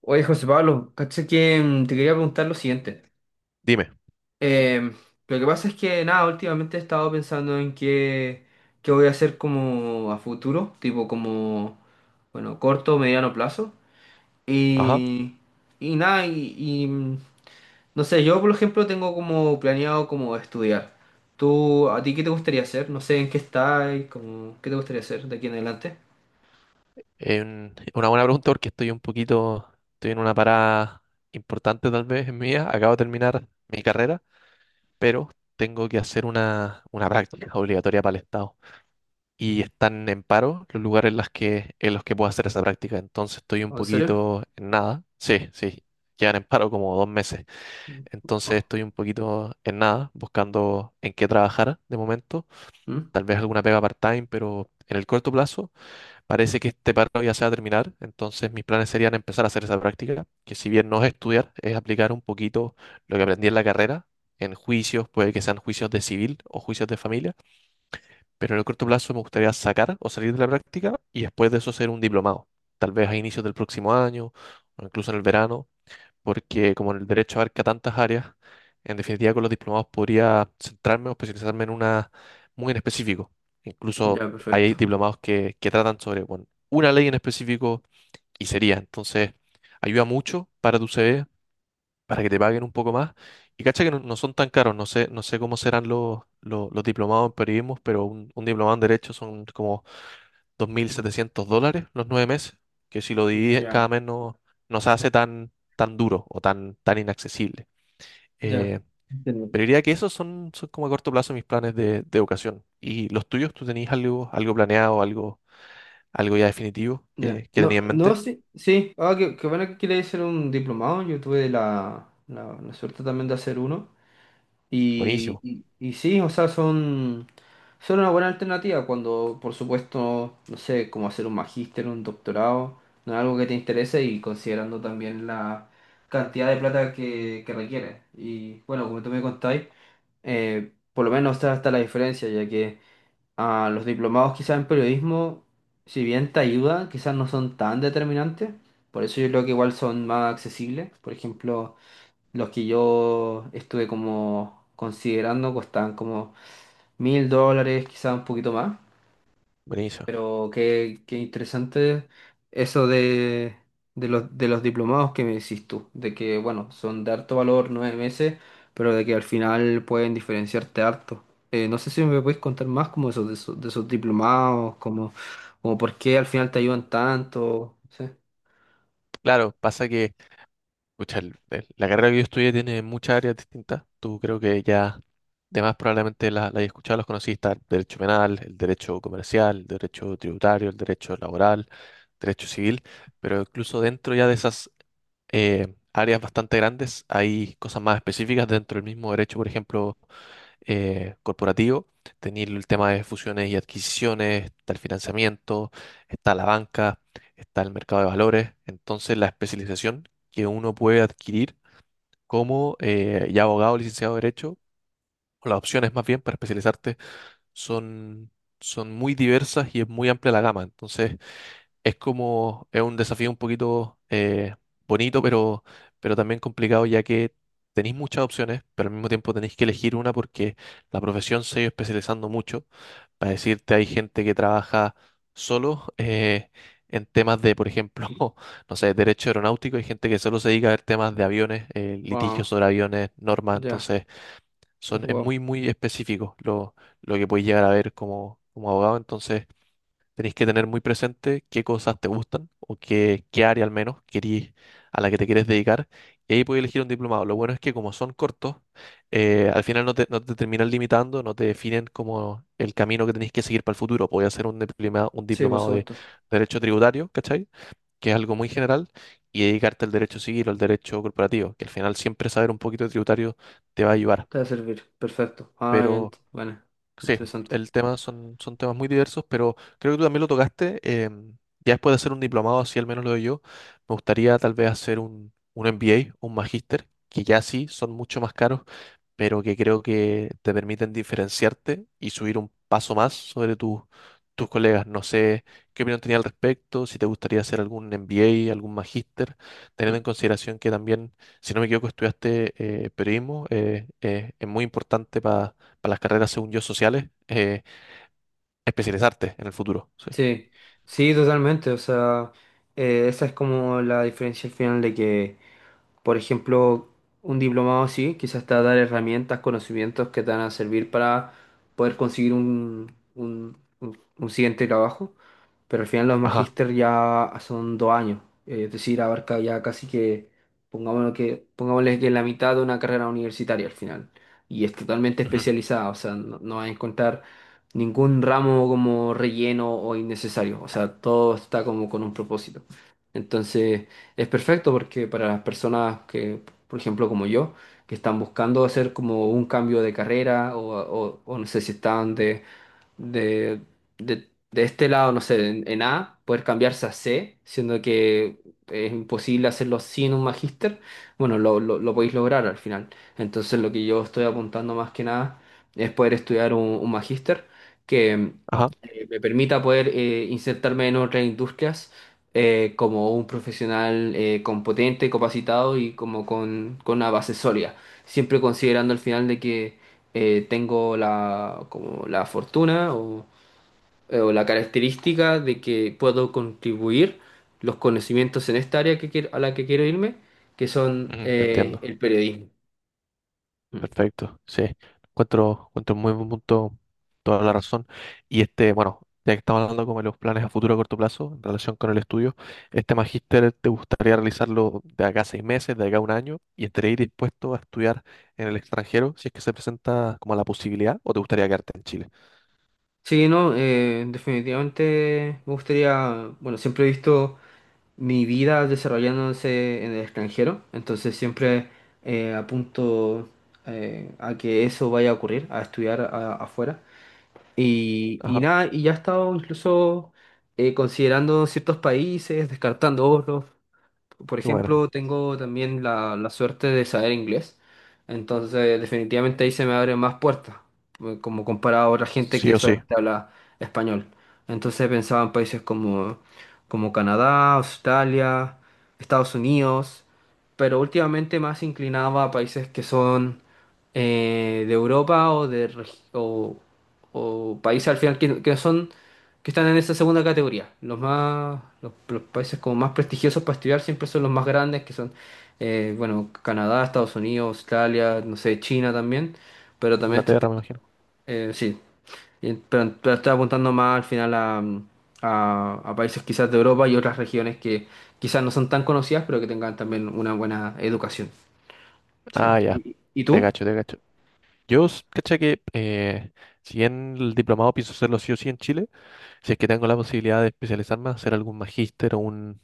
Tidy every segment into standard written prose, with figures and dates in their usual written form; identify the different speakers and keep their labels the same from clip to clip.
Speaker 1: Oye, José Pablo, caché que te quería preguntar lo siguiente.
Speaker 2: Dime,
Speaker 1: Eh, lo que pasa es que, nada, últimamente he estado pensando en qué voy a hacer como a futuro, tipo como, bueno, corto, mediano plazo.
Speaker 2: ajá.
Speaker 1: Y, y nada, no sé, yo por ejemplo tengo como planeado como estudiar. ¿Tú, a ti qué te gustaría hacer? No sé en qué estás, como, ¿qué te gustaría hacer de aquí en adelante?
Speaker 2: Una buena pregunta porque estoy en una parada importante tal vez en mi acabo de terminar mi carrera, pero tengo que hacer una práctica obligatoria para el Estado. Y están en paro los lugares en los que puedo hacer esa práctica. Entonces estoy un
Speaker 1: ¿O ¿En serio?
Speaker 2: poquito en nada. Sí, sí, llevan en paro como 2 meses. Entonces
Speaker 1: Oh,
Speaker 2: estoy un poquito en nada, buscando en qué trabajar de momento.
Speaker 1: ¿mm?
Speaker 2: Tal vez alguna pega part-time, pero en el corto plazo. Parece que este paro ya se va a terminar, entonces mis planes serían empezar a hacer esa práctica, que si bien no es estudiar, es aplicar un poquito lo que aprendí en la carrera, en juicios, puede que sean juicios de civil o juicios de familia, pero en el corto plazo me gustaría sacar o salir de la práctica y después de eso hacer un diplomado, tal vez a inicios del próximo año o incluso en el verano, porque como el derecho abarca tantas áreas, en definitiva con los diplomados podría centrarme o especializarme en una muy en específico. Incluso
Speaker 1: Ya, perfecto.
Speaker 2: hay diplomados que tratan sobre, bueno, una ley en específico y sería. Entonces, ayuda mucho para tu CV, para que te paguen un poco más. Y cacha que no, no son tan caros, no sé, no sé cómo serán los diplomados en periodismo, pero un diplomado en derecho son como US$2.700 los 9 meses, que si lo dividen cada
Speaker 1: Ya.
Speaker 2: mes no, no se hace tan, tan duro o tan, tan inaccesible.
Speaker 1: Ya,
Speaker 2: Eh,
Speaker 1: entiendo.
Speaker 2: pero diría que esos son, son como a corto plazo mis planes de educación. ¿Y los tuyos? ¿Tú tenías algo, algo planeado, algo, algo ya definitivo
Speaker 1: Ya.
Speaker 2: que tenías
Speaker 1: No,
Speaker 2: en
Speaker 1: no,
Speaker 2: mente?
Speaker 1: sí, sí. Ah, qué bueno que quería hacer un diplomado. Yo tuve la suerte también de hacer uno. Y,
Speaker 2: Buenísimo,
Speaker 1: y, y sí, o sea, son una buena alternativa cuando, por supuesto, no sé, como hacer un magíster, un doctorado, no es algo que te interese, y considerando también la cantidad de plata que requiere. Y bueno, como tú me contáis, por lo menos está la diferencia, ya que, ah, los diplomados quizás en periodismo, si bien te ayudan, quizás no son tan determinantes. Por eso yo creo que igual son más accesibles. Por ejemplo, los que yo estuve como considerando costaban como $1.000, quizás un poquito más.
Speaker 2: buenísimo.
Speaker 1: Pero qué interesante eso de, de los diplomados que me decís tú, de que, bueno, son de harto valor 9 meses, pero de que al final pueden diferenciarte harto. No sé si me puedes contar más como esos, de esos diplomados, como, como por qué al final te ayudan tanto. Sí.
Speaker 2: Claro, pasa que pucha, la carrera que yo estudié tiene muchas áreas distintas. Tú creo que ya, de más probablemente la hayas escuchado, las conocí, está el derecho penal, el derecho comercial, el derecho tributario, el derecho laboral, derecho civil, pero incluso dentro ya de esas áreas bastante grandes hay cosas más específicas dentro del mismo derecho, por ejemplo corporativo. Tenéis el tema de fusiones y adquisiciones, está el financiamiento, está la banca, está el mercado de valores. Entonces, la especialización que uno puede adquirir como ya abogado, licenciado de Derecho, o las opciones más bien para especializarte, son, son muy diversas y es muy amplia la gama. Entonces, es como, es un desafío un poquito bonito, pero, también complicado, ya que tenéis muchas opciones, pero al mismo tiempo tenéis que elegir una porque la profesión se ha ido especializando mucho. Para decirte, hay gente que trabaja solo en temas de, por ejemplo, no sé, derecho aeronáutico, hay gente que solo se dedica a ver temas de aviones, litigios
Speaker 1: Wow,
Speaker 2: sobre aviones, normas,
Speaker 1: ya,
Speaker 2: entonces
Speaker 1: pues,
Speaker 2: es
Speaker 1: wow.
Speaker 2: muy, muy específico lo que podéis llegar a ver como, como abogado, entonces... Tenéis que tener muy presente qué cosas te gustan o qué, qué área al menos querís, a la que te quieres dedicar. Y ahí podéis elegir un diplomado. Lo bueno es que como son cortos, al final no te, terminan limitando, no te definen como el camino que tenéis que seguir para el futuro. Podéis hacer un
Speaker 1: Sí, por
Speaker 2: diplomado de
Speaker 1: supuesto,
Speaker 2: derecho tributario, ¿cachai? Que es algo muy general, y dedicarte al derecho civil o al derecho corporativo, que al final siempre saber un poquito de tributario te va a ayudar.
Speaker 1: te va a servir. Perfecto.
Speaker 2: Pero
Speaker 1: Bueno,
Speaker 2: sí,
Speaker 1: interesante.
Speaker 2: el tema son, son temas muy diversos, pero creo que tú también lo tocaste. em, ya después de hacer un diplomado, así al menos lo doy yo, me gustaría tal vez hacer un, MBA, un magíster, que ya sí son mucho más caros pero que creo que te permiten diferenciarte y subir un paso más sobre tus colegas. No sé qué opinión tenía al respecto, si te gustaría hacer algún MBA, algún magíster, teniendo en consideración que también, si no me equivoco, estudiaste periodismo, es muy importante para las carreras, según yo, sociales, especializarte en el futuro. Sí.
Speaker 1: Sí, sí, totalmente. O sea, esa es como la diferencia al final de que, por ejemplo, un diplomado así quizás te va a dar herramientas, conocimientos que te van a servir para poder conseguir un siguiente trabajo, pero al final los
Speaker 2: Ajá,
Speaker 1: magíster ya son 2 años, es decir, abarca ya casi que, pongámosle que la mitad de una carrera universitaria al final, y es totalmente
Speaker 2: ujú,
Speaker 1: especializada, o sea, no vas a encontrar ningún ramo como relleno o innecesario, o sea, todo está como con un propósito. Entonces es perfecto porque para las personas que, por ejemplo, como yo, que están buscando hacer como un cambio de carrera o no sé si están de, de este lado, no sé, en A, poder cambiarse a C, siendo que es imposible hacerlo sin un magíster, bueno, lo podéis lograr al final. Entonces, lo que yo estoy apuntando más que nada es poder estudiar un magíster que
Speaker 2: ajá,
Speaker 1: me permita poder, insertarme en otras industrias, como un profesional competente, capacitado y como con una base sólida, siempre considerando al final de que, tengo la, como la fortuna o la característica de que puedo contribuir los conocimientos en esta área que a la que quiero irme, que son,
Speaker 2: ujú, te entiendo.
Speaker 1: el periodismo. Mm.
Speaker 2: Perfecto, sí. Encuentro muy buen punto, toda la razón. Y este, bueno, ya que estamos hablando como de los planes a futuro a corto plazo en relación con el estudio, ¿este magíster te gustaría realizarlo de acá a 6 meses, de acá a 1 año, y estarías dispuesto a estudiar en el extranjero si es que se presenta como la posibilidad o te gustaría quedarte en Chile?
Speaker 1: Sí, no, definitivamente me gustaría, bueno, siempre he visto mi vida desarrollándose en el extranjero, entonces siempre apunto, a que eso vaya a ocurrir, a estudiar afuera. Y
Speaker 2: Ajá,
Speaker 1: nada, y ya he estado incluso, considerando ciertos países, descartando otros. Por
Speaker 2: qué bueno.
Speaker 1: ejemplo, tengo también la suerte de saber inglés, entonces definitivamente ahí se me abren más puertas, como comparado a otra gente
Speaker 2: Sí
Speaker 1: que
Speaker 2: o sí.
Speaker 1: solamente habla español. Entonces pensaba en países como, como Canadá, Australia, Estados Unidos, pero últimamente más inclinaba a países que son, de Europa o o países al final que no son, que están en esa segunda categoría. Los países como más prestigiosos para estudiar siempre son los más grandes, que son, bueno, Canadá, Estados Unidos, Australia, no sé, China también, pero también
Speaker 2: Inglaterra, me imagino.
Speaker 1: sí. Pero estoy apuntando más al final a países quizás de Europa y otras regiones que quizás no son tan conocidas, pero que tengan también una buena educación. Sí.
Speaker 2: Ah, ya,
Speaker 1: ¿Y,
Speaker 2: te
Speaker 1: tú?
Speaker 2: cacho, te cacho. Yo, caché que si bien el diplomado pienso hacerlo sí o sí en Chile, si es que tengo la posibilidad de especializarme, hacer algún magíster o un,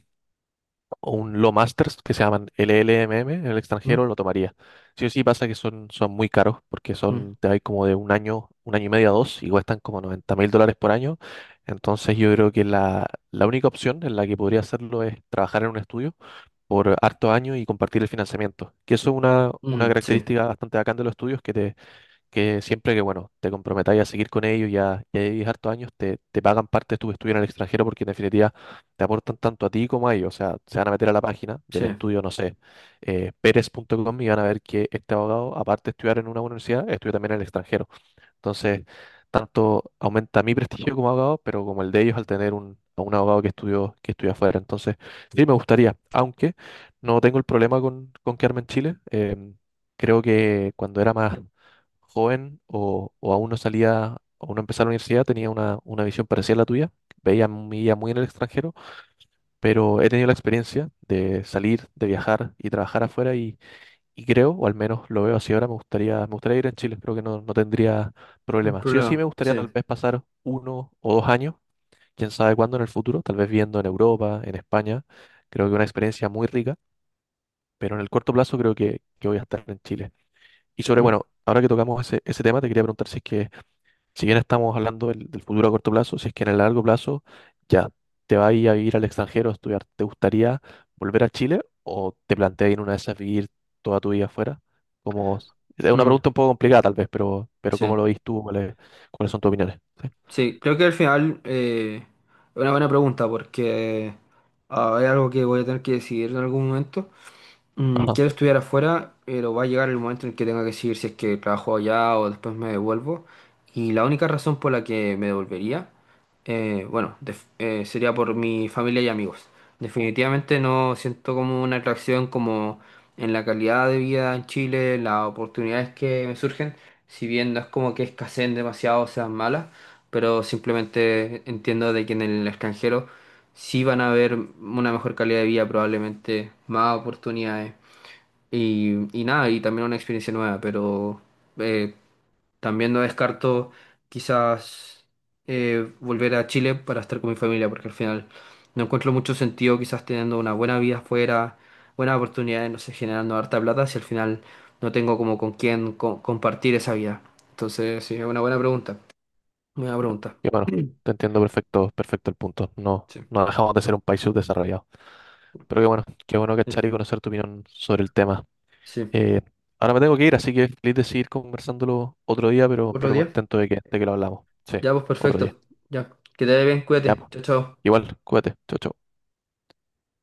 Speaker 2: o un Law Masters que se llaman LLMM en el
Speaker 1: ¿Mm?
Speaker 2: extranjero, lo tomaría. Sí o sí pasa que son, son muy caros porque
Speaker 1: Mm,
Speaker 2: son, te hay como de 1 año, 1 año y medio a dos y cuestan como US$90.000 por año. Entonces yo creo que la, única opción en la que podría hacerlo es trabajar en un estudio por hartos años y compartir el financiamiento. Que eso es una
Speaker 1: mm, sí,
Speaker 2: característica bastante bacán de los estudios que siempre que, bueno, te comprometáis a seguir con ellos y a vivir hartos años, te pagan parte de tus estudios en el extranjero porque en definitiva te aportan tanto a ti como a ellos. O sea, se van a meter a la página
Speaker 1: sí,
Speaker 2: del estudio, no sé, pérez punto com y van a ver que este abogado, aparte de estudiar en una universidad, estudia también en el extranjero. Entonces, tanto aumenta mi prestigio como abogado, pero como el de ellos al tener a un abogado que estudió, que estudia afuera. Entonces, sí me gustaría, aunque no tengo el problema con, quedarme en Chile. em, Creo que cuando era más joven o aún no salía, o no empezaba la universidad, tenía una visión parecida a la tuya. Veía mi vida muy en el extranjero, pero he tenido la experiencia de salir, de viajar y trabajar afuera y creo, o al menos lo veo así ahora, me gustaría ir en Chile, creo que no, no tendría
Speaker 1: no hay
Speaker 2: problema. Sí o sí me
Speaker 1: problema,
Speaker 2: gustaría
Speaker 1: sí,
Speaker 2: tal vez pasar 1 o 2 años, quién sabe cuándo en el futuro, tal vez viendo en Europa, en España, creo que una experiencia muy rica, pero en el corto plazo creo que voy a estar en Chile. Y sobre,
Speaker 1: mm,
Speaker 2: bueno, ahora que tocamos ese tema, te quería preguntar si es que si bien estamos hablando del futuro a corto plazo, si es que en el largo plazo ya te vas a ir a vivir al extranjero a estudiar, ¿te gustaría volver a Chile o te planteas ir una vez a vivir toda tu vida afuera? Como, es una
Speaker 1: mm,
Speaker 2: pregunta un poco complicada tal vez, pero ¿cómo
Speaker 1: sí.
Speaker 2: lo ves tú? ¿Cuáles son tus opiniones? Sí.
Speaker 1: Sí, creo que al final, es una buena pregunta porque, ah, es algo que voy a tener que decidir en algún momento. Mm,
Speaker 2: Ajá.
Speaker 1: quiero estudiar afuera, pero va a llegar el momento en el que tenga que decidir si es que trabajo allá o después me devuelvo. Y la única razón por la que me devolvería, bueno, sería por mi familia y amigos. Definitivamente no siento como una atracción como en la calidad de vida en Chile, las oportunidades que me surgen, si bien no es como que escaseen demasiado o sean malas, pero simplemente entiendo de que en el extranjero sí van a haber una mejor calidad de vida, probablemente más oportunidades y nada, y también una experiencia nueva, pero, eh, también no descarto quizás, volver a Chile para estar con mi familia, porque al final no encuentro mucho sentido quizás teniendo una buena vida afuera, buenas oportunidades, no sé, generando harta plata, si al final no tengo como con quién compartir esa vida. Entonces, sí, es una buena pregunta, buena pregunta.
Speaker 2: Y bueno, te entiendo perfecto, perfecto el punto. No,
Speaker 1: Sí,
Speaker 2: no dejamos de ser un país subdesarrollado. Pero qué bueno
Speaker 1: sí.
Speaker 2: cachar y conocer tu opinión sobre el tema.
Speaker 1: Sí.
Speaker 2: Eh, Ahora me tengo que ir, así que feliz de seguir conversándolo otro día, pero,
Speaker 1: Otro
Speaker 2: pero
Speaker 1: día.
Speaker 2: contento de que lo hablamos. Sí,
Speaker 1: Ya, pues
Speaker 2: otro día.
Speaker 1: perfecto. Ya, que te vaya bien,
Speaker 2: Ya,
Speaker 1: cuídate.
Speaker 2: pues.
Speaker 1: Chao, chao.
Speaker 2: Igual, cuídate. Chau, chau.